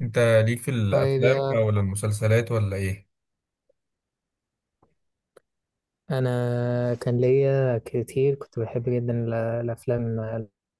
انت ليك في طيب الافلام يا ولا المسلسلات ولا ايه؟ أنا كان ليا كتير، كنت بحب جدا الأفلام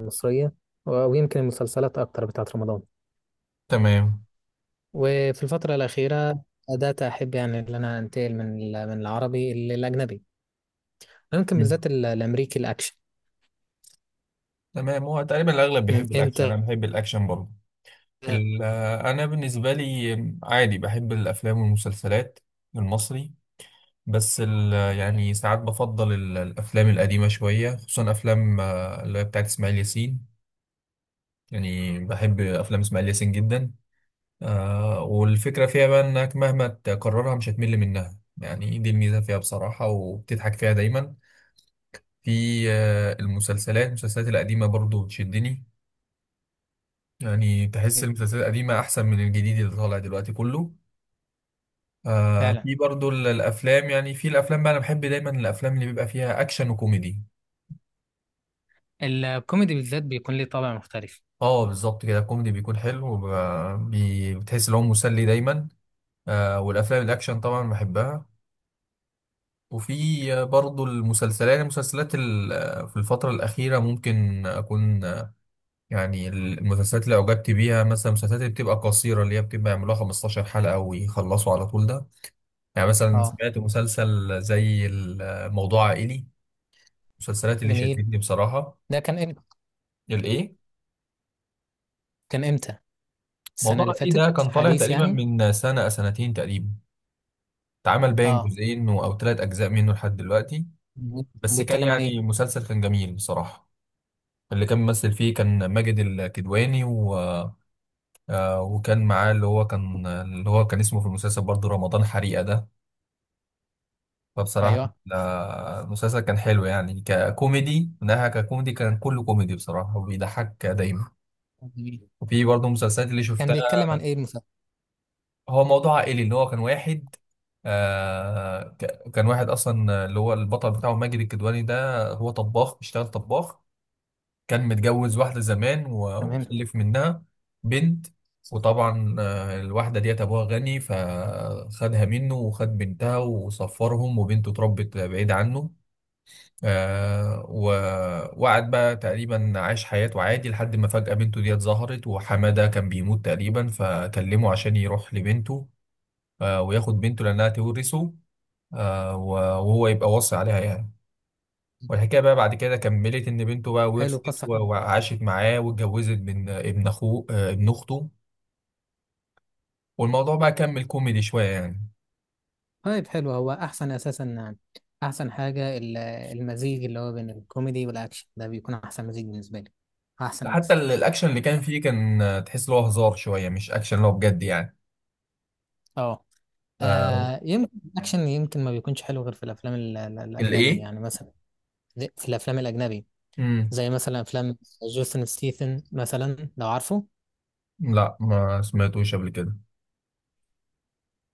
المصرية ويمكن المسلسلات أكتر بتاعة رمضان. تمام. وفي الفترة الأخيرة بدأت أحب، يعني، إن أنا أنتقل من من العربي للأجنبي، ممكن مم. بالذات الأمريكي الأكشن. تمام، هو تقريبا الاغلب بيحب الاكشن، انا أنت؟ بحب الاكشن برضه. انا بالنسبه لي عادي بحب الافلام والمسلسلات المصري. بس ال- يعني ساعات بفضل الافلام القديمه شويه، خصوصا افلام اللي هي بتاعت اسماعيل ياسين. يعني بحب افلام اسماعيل ياسين جدا. والفكره فيها بقى انك مهما تكررها مش هتمل منها، يعني دي الميزه فيها بصراحه، وبتضحك فيها دايما. في المسلسلات القديمة برضو بتشدني. يعني تحس المسلسلات القديمة أحسن من الجديد اللي طالع دلوقتي كله. فعلا، في برضو الأفلام، يعني في الأفلام بقى أنا بحب دايما الأفلام اللي بيبقى فيها أكشن وكوميدي. الكوميدي بالذات بيكون ليه طابع مختلف. اه بالظبط كده، الكوميدي بيكون حلو، وب- بي- بتحس إن هو مسلي دايما. والأفلام الأكشن طبعا بحبها. وفي برضو المسلسلات في الفترة الأخيرة ممكن أكون، يعني المسلسلات اللي أعجبت بيها، مثلا المسلسلات اللي بتبقى قصيرة اللي هي بتبقى يعملوها 15 حلقة ويخلصوا على طول، ده يعني مثلا اه سمعت مسلسل زي موضوع عائلي، المسلسلات اللي جميل، شدتني بصراحة. ده كان إمتى؟ الإيه؟ كان إمتى؟ السنة موضوع اللي عائلي فاتت، ده كان طالع حديث تقريبا يعني. من سنة أو سنتين تقريبا، اتعمل باين اه جزئين أو 3 أجزاء منه لحد دلوقتي. بس كان بيتكلم عن إيه؟ يعني مسلسل كان جميل بصراحة. اللي كان ممثل فيه كان ماجد الكدواني وكان معاه اللي هو كان اسمه في المسلسل برضه رمضان حريقة ده، فبصراحة أيوه ال- المسلسل كان حلو يعني ككوميدي. من ناحية ككوميدي كان كله كوميدي بصراحة، وبيضحك دايما. جميل. وفي برضه مسلسلات اللي كان شفتها. بيتكلم عن إيه المسلسل؟ هو موضوع عائلي اللي هو كان واحد، كان واحد أصلا، اللي هو البطل بتاعه ماجد الكدواني ده هو طباخ، بيشتغل طباخ. كان متجوز واحدة زمان و- تمام. وخلف منها بنت. وطبعا الواحدة ديت أبوها غني، فخدها منه وخد بنتها وصفرهم، وبنته اتربت بعيد عنه. آه و- وقعد بقى تقريبا عاش حياته عادي، لحد ما فجأة بنته ديت ظهرت، وحمادة كان بيموت تقريبا، فكلمه عشان يروح لبنته. وياخد بنته لأنها تورثه، آه و- وهو يبقى واصي عليها يعني. والحكاية بقى بعد كده كملت إن بنته بقى حلو، ورثت قصة و- حلوة. وعاشت معاه واتجوزت من ابن أخوه، ابن أخته. والموضوع بقى كمل كوميدي شوية يعني. طيب حلو، هو أحسن أساسا يعني، أحسن حاجة المزيج اللي هو بين الكوميدي والأكشن ده بيكون أحسن مزيج بالنسبة لي، أحسن حتى ميكس. الأكشن اللي كان فيه كان تحس إن هو هزار شوية مش أكشن اللي هو بجد يعني. أه آه يمكن الأكشن يمكن ما بيكونش حلو غير في الأفلام الأجنبي الإيه؟ يعني، مثلا في الأفلام الأجنبي مم. زي مثلا أفلام جوسن ستيثن مثلا، لو عارفه. لا، ما سمعتوش قبل كده.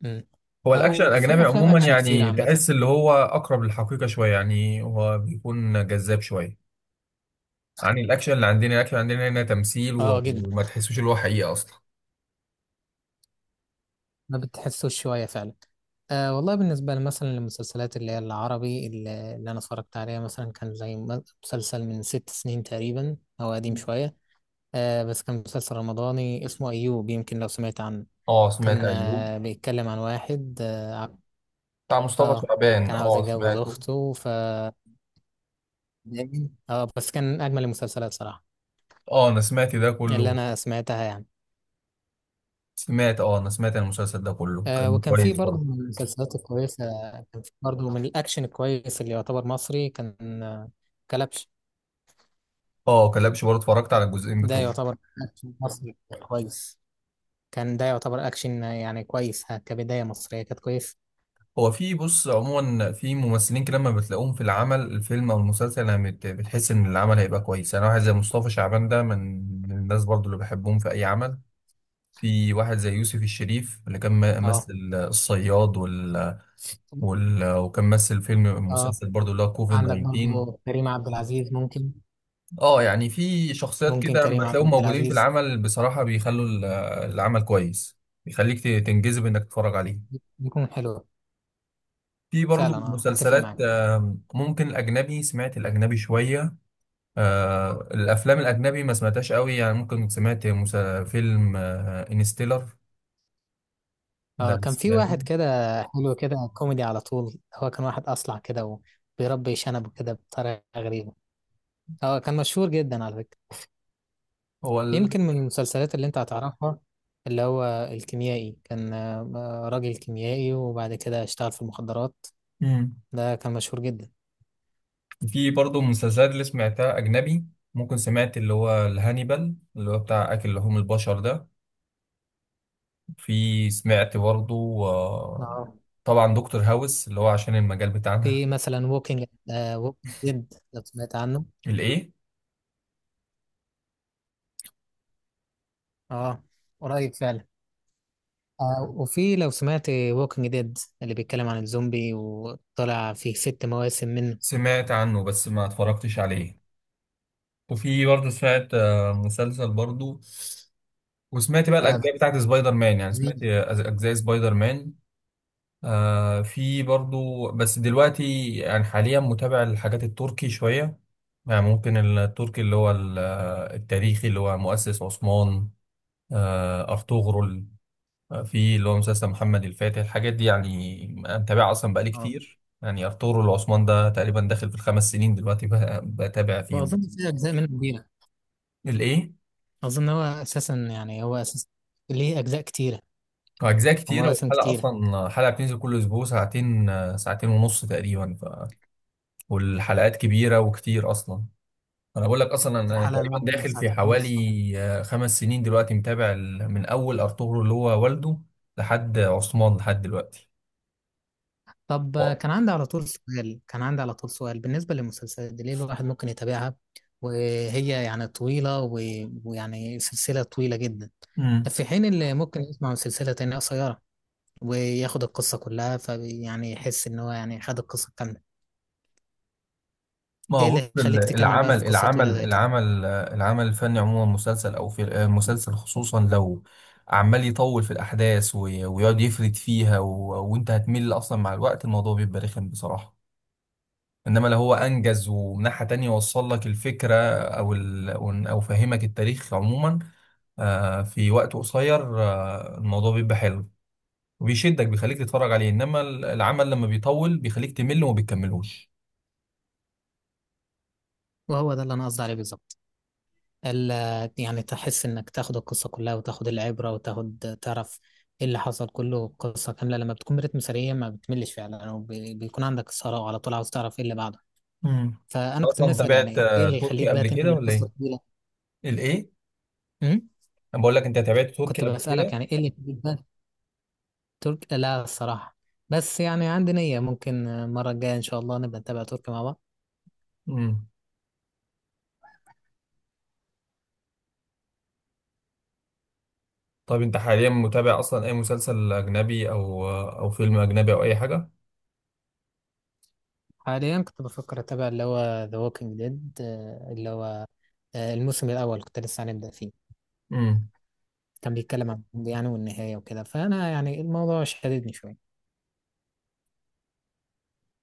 مم. هو الاكشن أو في الاجنبي أفلام عموما أكشن كتير يعني عامة. تحس اللي هو اقرب للحقيقه شويه، يعني هو بيكون جذاب شويه عن الاكشن اللي عندنا. الاكشن عندنا هنا تمثيل أه و- جدا، وما تحسوش اللي هو حقيقه اصلا. ما بتحسوش شوية فعلا. أه والله بالنسبة لي مثلا للمسلسلات اللي هي العربي اللي أنا اتفرجت عليها مثلا كان زي مسلسل من 6 سنين تقريبا أو قديم شوية. أه بس كان مسلسل رمضاني اسمه أيوب، يمكن لو سمعت عنه. اه سمعت كان ايوب، أه بيتكلم عن واحد اه بتاع مصطفى آه، شعبان، كان عاوز اه يتجوز سمعته. أخته ف اه بس كان أجمل المسلسلات صراحة اه انا سمعت ده اللي كله. أنا سمعتها يعني. سمعت اه، انا سمعت المسلسل ده كله، أه كان وكان في كويس برضه برضه. من المسلسلات الكويسة، كان في برضه من الأكشن الكويس اللي يعتبر مصري كان كلبش. اه كلبش برضه اتفرجت على الجزئين ده بتوعه. يعتبر أكشن مصري كويس، كان ده يعتبر أكشن يعني كويس ها، كبداية مصرية كانت كويس. هو في بص عموما في ممثلين كده لما بتلاقوهم في العمل، الفيلم او المسلسل، انا بتحس ان العمل هيبقى كويس. انا واحد زي مصطفى شعبان ده من الناس برضو اللي بحبهم في اي عمل. في واحد زي يوسف الشريف اللي كان اه مثل الصياد وكان مثل فيلم، اه مسلسل برضو، اللي هو كوفيد عندك 19. برضو كريم عبد العزيز ممكن، اه يعني في شخصيات ممكن كده لما كريم بتلاقيهم عبد موجودين في العزيز العمل بصراحة بيخلوا العمل كويس، بيخليك تنجذب انك تتفرج عليه. يكون حلو. في فعلا برضه اه اتفق مسلسلات معاك. ممكن الأجنبي، سمعت الأجنبي شوية. الأفلام الأجنبي ما سمعتهاش قوي. يعني ممكن سمعت فيلم انستيلر ده اه اللي كان في سمعته. واحد كده حلو كده، كوميدي على طول، هو كان واحد اصلع كده وبيربي شنب كده بطريقة غريبة. اه كان مشهور جدا على فكرة، هو ال... يمكن من المسلسلات اللي انت هتعرفها اللي هو الكيميائي، كان راجل كيميائي وبعد كده اشتغل في المخدرات. مم. ده كان مشهور جدا. في برضه مسلسلات اللي سمعتها أجنبي، ممكن سمعت اللي هو الهانيبال اللي هو بتاع أكل لحوم البشر ده. في سمعت برضه آه، اه طبعا دكتور هاوس اللي هو عشان المجال بتاعنا. في مثلا ووكينج ديد لو سمعت عنه. الإيه؟ اه قريب فعلا. آه وفي لو سمعت ووكينج ديد اللي بيتكلم عن الزومبي وطلع فيه 6 مواسم منه. سمعت عنه بس ما اتفرجتش عليه. وفي برضه سمعت مسلسل برضه. وسمعت بقى آه الأجزاء بتاعت سبايدر مان، يعني سمعت جميل. أجزاء سبايدر مان. في برضه، بس دلوقتي يعني حاليا متابع الحاجات التركي شوية. يعني ممكن التركي اللي هو التاريخي اللي هو مؤسس عثمان، أرطغرل. في اللي هو مسلسل محمد الفاتح، الحاجات دي يعني متابعها أصلا بقالي اه كتير. يعني أرطغرل وعثمان ده تقريبا داخل في الخمس سنين دلوقتي بتابع فيهم. واظن في اجزاء منه كبيره. الإيه؟ اظن هو اساسا، ليه اجزاء كتيره أجزاء كتيرة، ومواسم والحلقة كتيره. أصلا حلقة بتنزل كل أسبوع ساعتين ونص تقريبا والحلقات كبيرة وكتير أصلا. أنا بقول لك أصلا أنا الحلقه تقريبا الواحده داخل في ساعتين ونص. حوالي 5 سنين دلوقتي متابع من أول أرطغرل اللي هو والده لحد عثمان لحد دلوقتي. طب واو. كان عندي على طول سؤال بالنسبة للمسلسلات دي، ليه الواحد ممكن يتابعها وهي يعني طويلة ويعني سلسلة طويلة جدا، في حين اللي ممكن يسمع سلسلة تانية قصيرة وياخد القصة كلها، فيعني يحس إن هو يعني خد القصة كاملة. ما إيه هو بص اللي يخليك تكمل بقى في قصة طويلة زي كده؟ العمل الفني عموما مسلسل او في مسلسل، خصوصا لو عمال يطول في الاحداث وي- ويقعد يفرد فيها و- وانت هتمل اصلا، مع الوقت الموضوع بيبقى رخم بصراحه. انما لو هو انجز، ومن ناحيه تانية وصل لك الفكره، او ال او أو فهمك التاريخ عموما في وقت قصير، الموضوع بيبقى حلو وبيشدك، بيخليك تتفرج عليه. انما العمل لما بيطول بيخليك تمل وما بتكملوش. وهو ده اللي أنا قصدي عليه بالظبط، يعني تحس انك تاخد القصة كلها وتاخد العبرة وتاخد تعرف ايه اللي حصل، كله قصة كاملة لما بتكون برتم سريع ما بتملش فعلا، وبيكون عندك إثارة وعلى طول عاوز تعرف ايه اللي بعده. امم فأنا كنت اصلا بنسأل تابعت يعني ايه اللي تركي يخليك بقى قبل كده تنقل ولا القصة ايه؟ طويلة. الايه؟ أمم؟ انا بقول لك، انت تابعت تركي كنت قبل بسألك كده؟ يعني ايه اللي يخليك بقى. ترك لا الصراحة، بس يعني عندي نية ممكن المرة الجاية إن شاء الله نبقى نتابع تركي مع بعض. امم طب انت حاليا متابع اصلا اي مسلسل اجنبي او او فيلم اجنبي او اي حاجه؟ حاليا كنت بفكر أتابع اللي هو The Walking Dead، اللي هو الموسم الأول كنت لسه هنبدأ فيه. امم كان بيتكلم عن الماضي يعني والنهاية وكده، فأنا يعني الموضوع شددني شوية.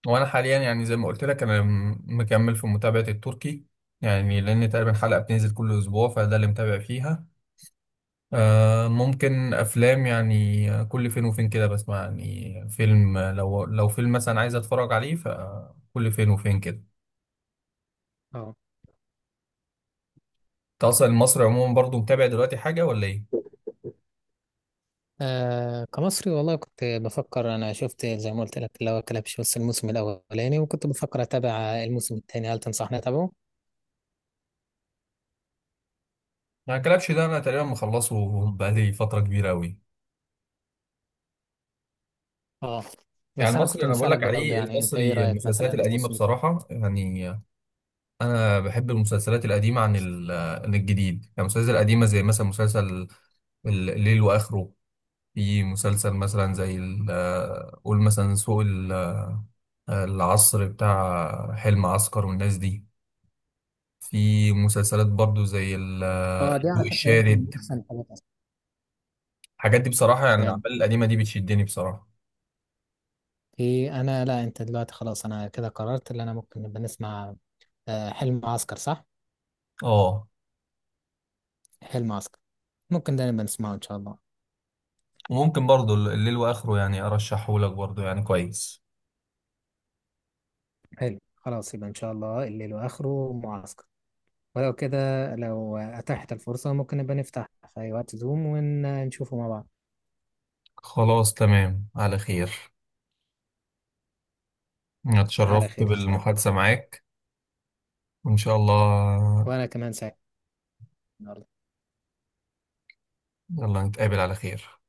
وانا حاليا يعني زي ما قلت لك انا مكمل في متابعه التركي، يعني لان تقريبا حلقه بتنزل كل اسبوع، فده اللي متابع فيها. ممكن افلام يعني، كل فين وفين كده بسمع يعني فيلم، لو فيلم مثلا عايز اتفرج عليه فكل فين وفين كده. اه انت اصلا المصري عموما برضو متابع دلوقتي حاجه ولا ايه؟ كمصري والله كنت بفكر، أنا شفت زي ما قلت لك اللي هو كلبش بس الموسم الأولاني، وكنت بفكر أتابع الموسم التاني، هل تنصحني أتابعه؟ ما الكلبش ده انا تقريبا مخلصه. بقالي فتره كبيره قوي. اه يعني بس أنا المصري كنت انا بقول مسألك لك برضه عليه، يعني أنت إيه المصري رأيك مثلا المسلسلات القديمه الموسم. بصراحه يعني. انا بحب المسلسلات القديمه عن عن الجديد، يعني المسلسلات القديمه زي مثلا مسلسل الليل واخره. في مسلسل مثلا زي قول مثلا سوق العصر بتاع حلم عسكر والناس دي. في مسلسلات برضو زي اه دي على الضوء فكرة يمكن من الشارد. أحسن الحاجات أصلا. الحاجات دي بصراحة يعني بجد. الأعمال القديمة دي بتشدني بصراحة. في أنا لا، أنت دلوقتي خلاص، أنا كده قررت إن أنا ممكن نبقى نسمع حلم عسكر صح؟ اه حلم عسكر ممكن ده نبقى نسمعه إن شاء الله. وممكن برضو الليل وآخره يعني أرشحه لك برضو يعني كويس. حلو خلاص يبقى إن شاء الله الليل وآخره معسكر، ولو كده لو أتاحت الفرصة ممكن نبقى نفتح في أي وقت زوم ونشوفه مع بعض. خلاص تمام، على خير. أنا على اتشرفت خير إن شاء الله، بالمحادثة معاك، وإن شاء الله. وأنا كمان سعيد النهاردة. يلا نتقابل على خير.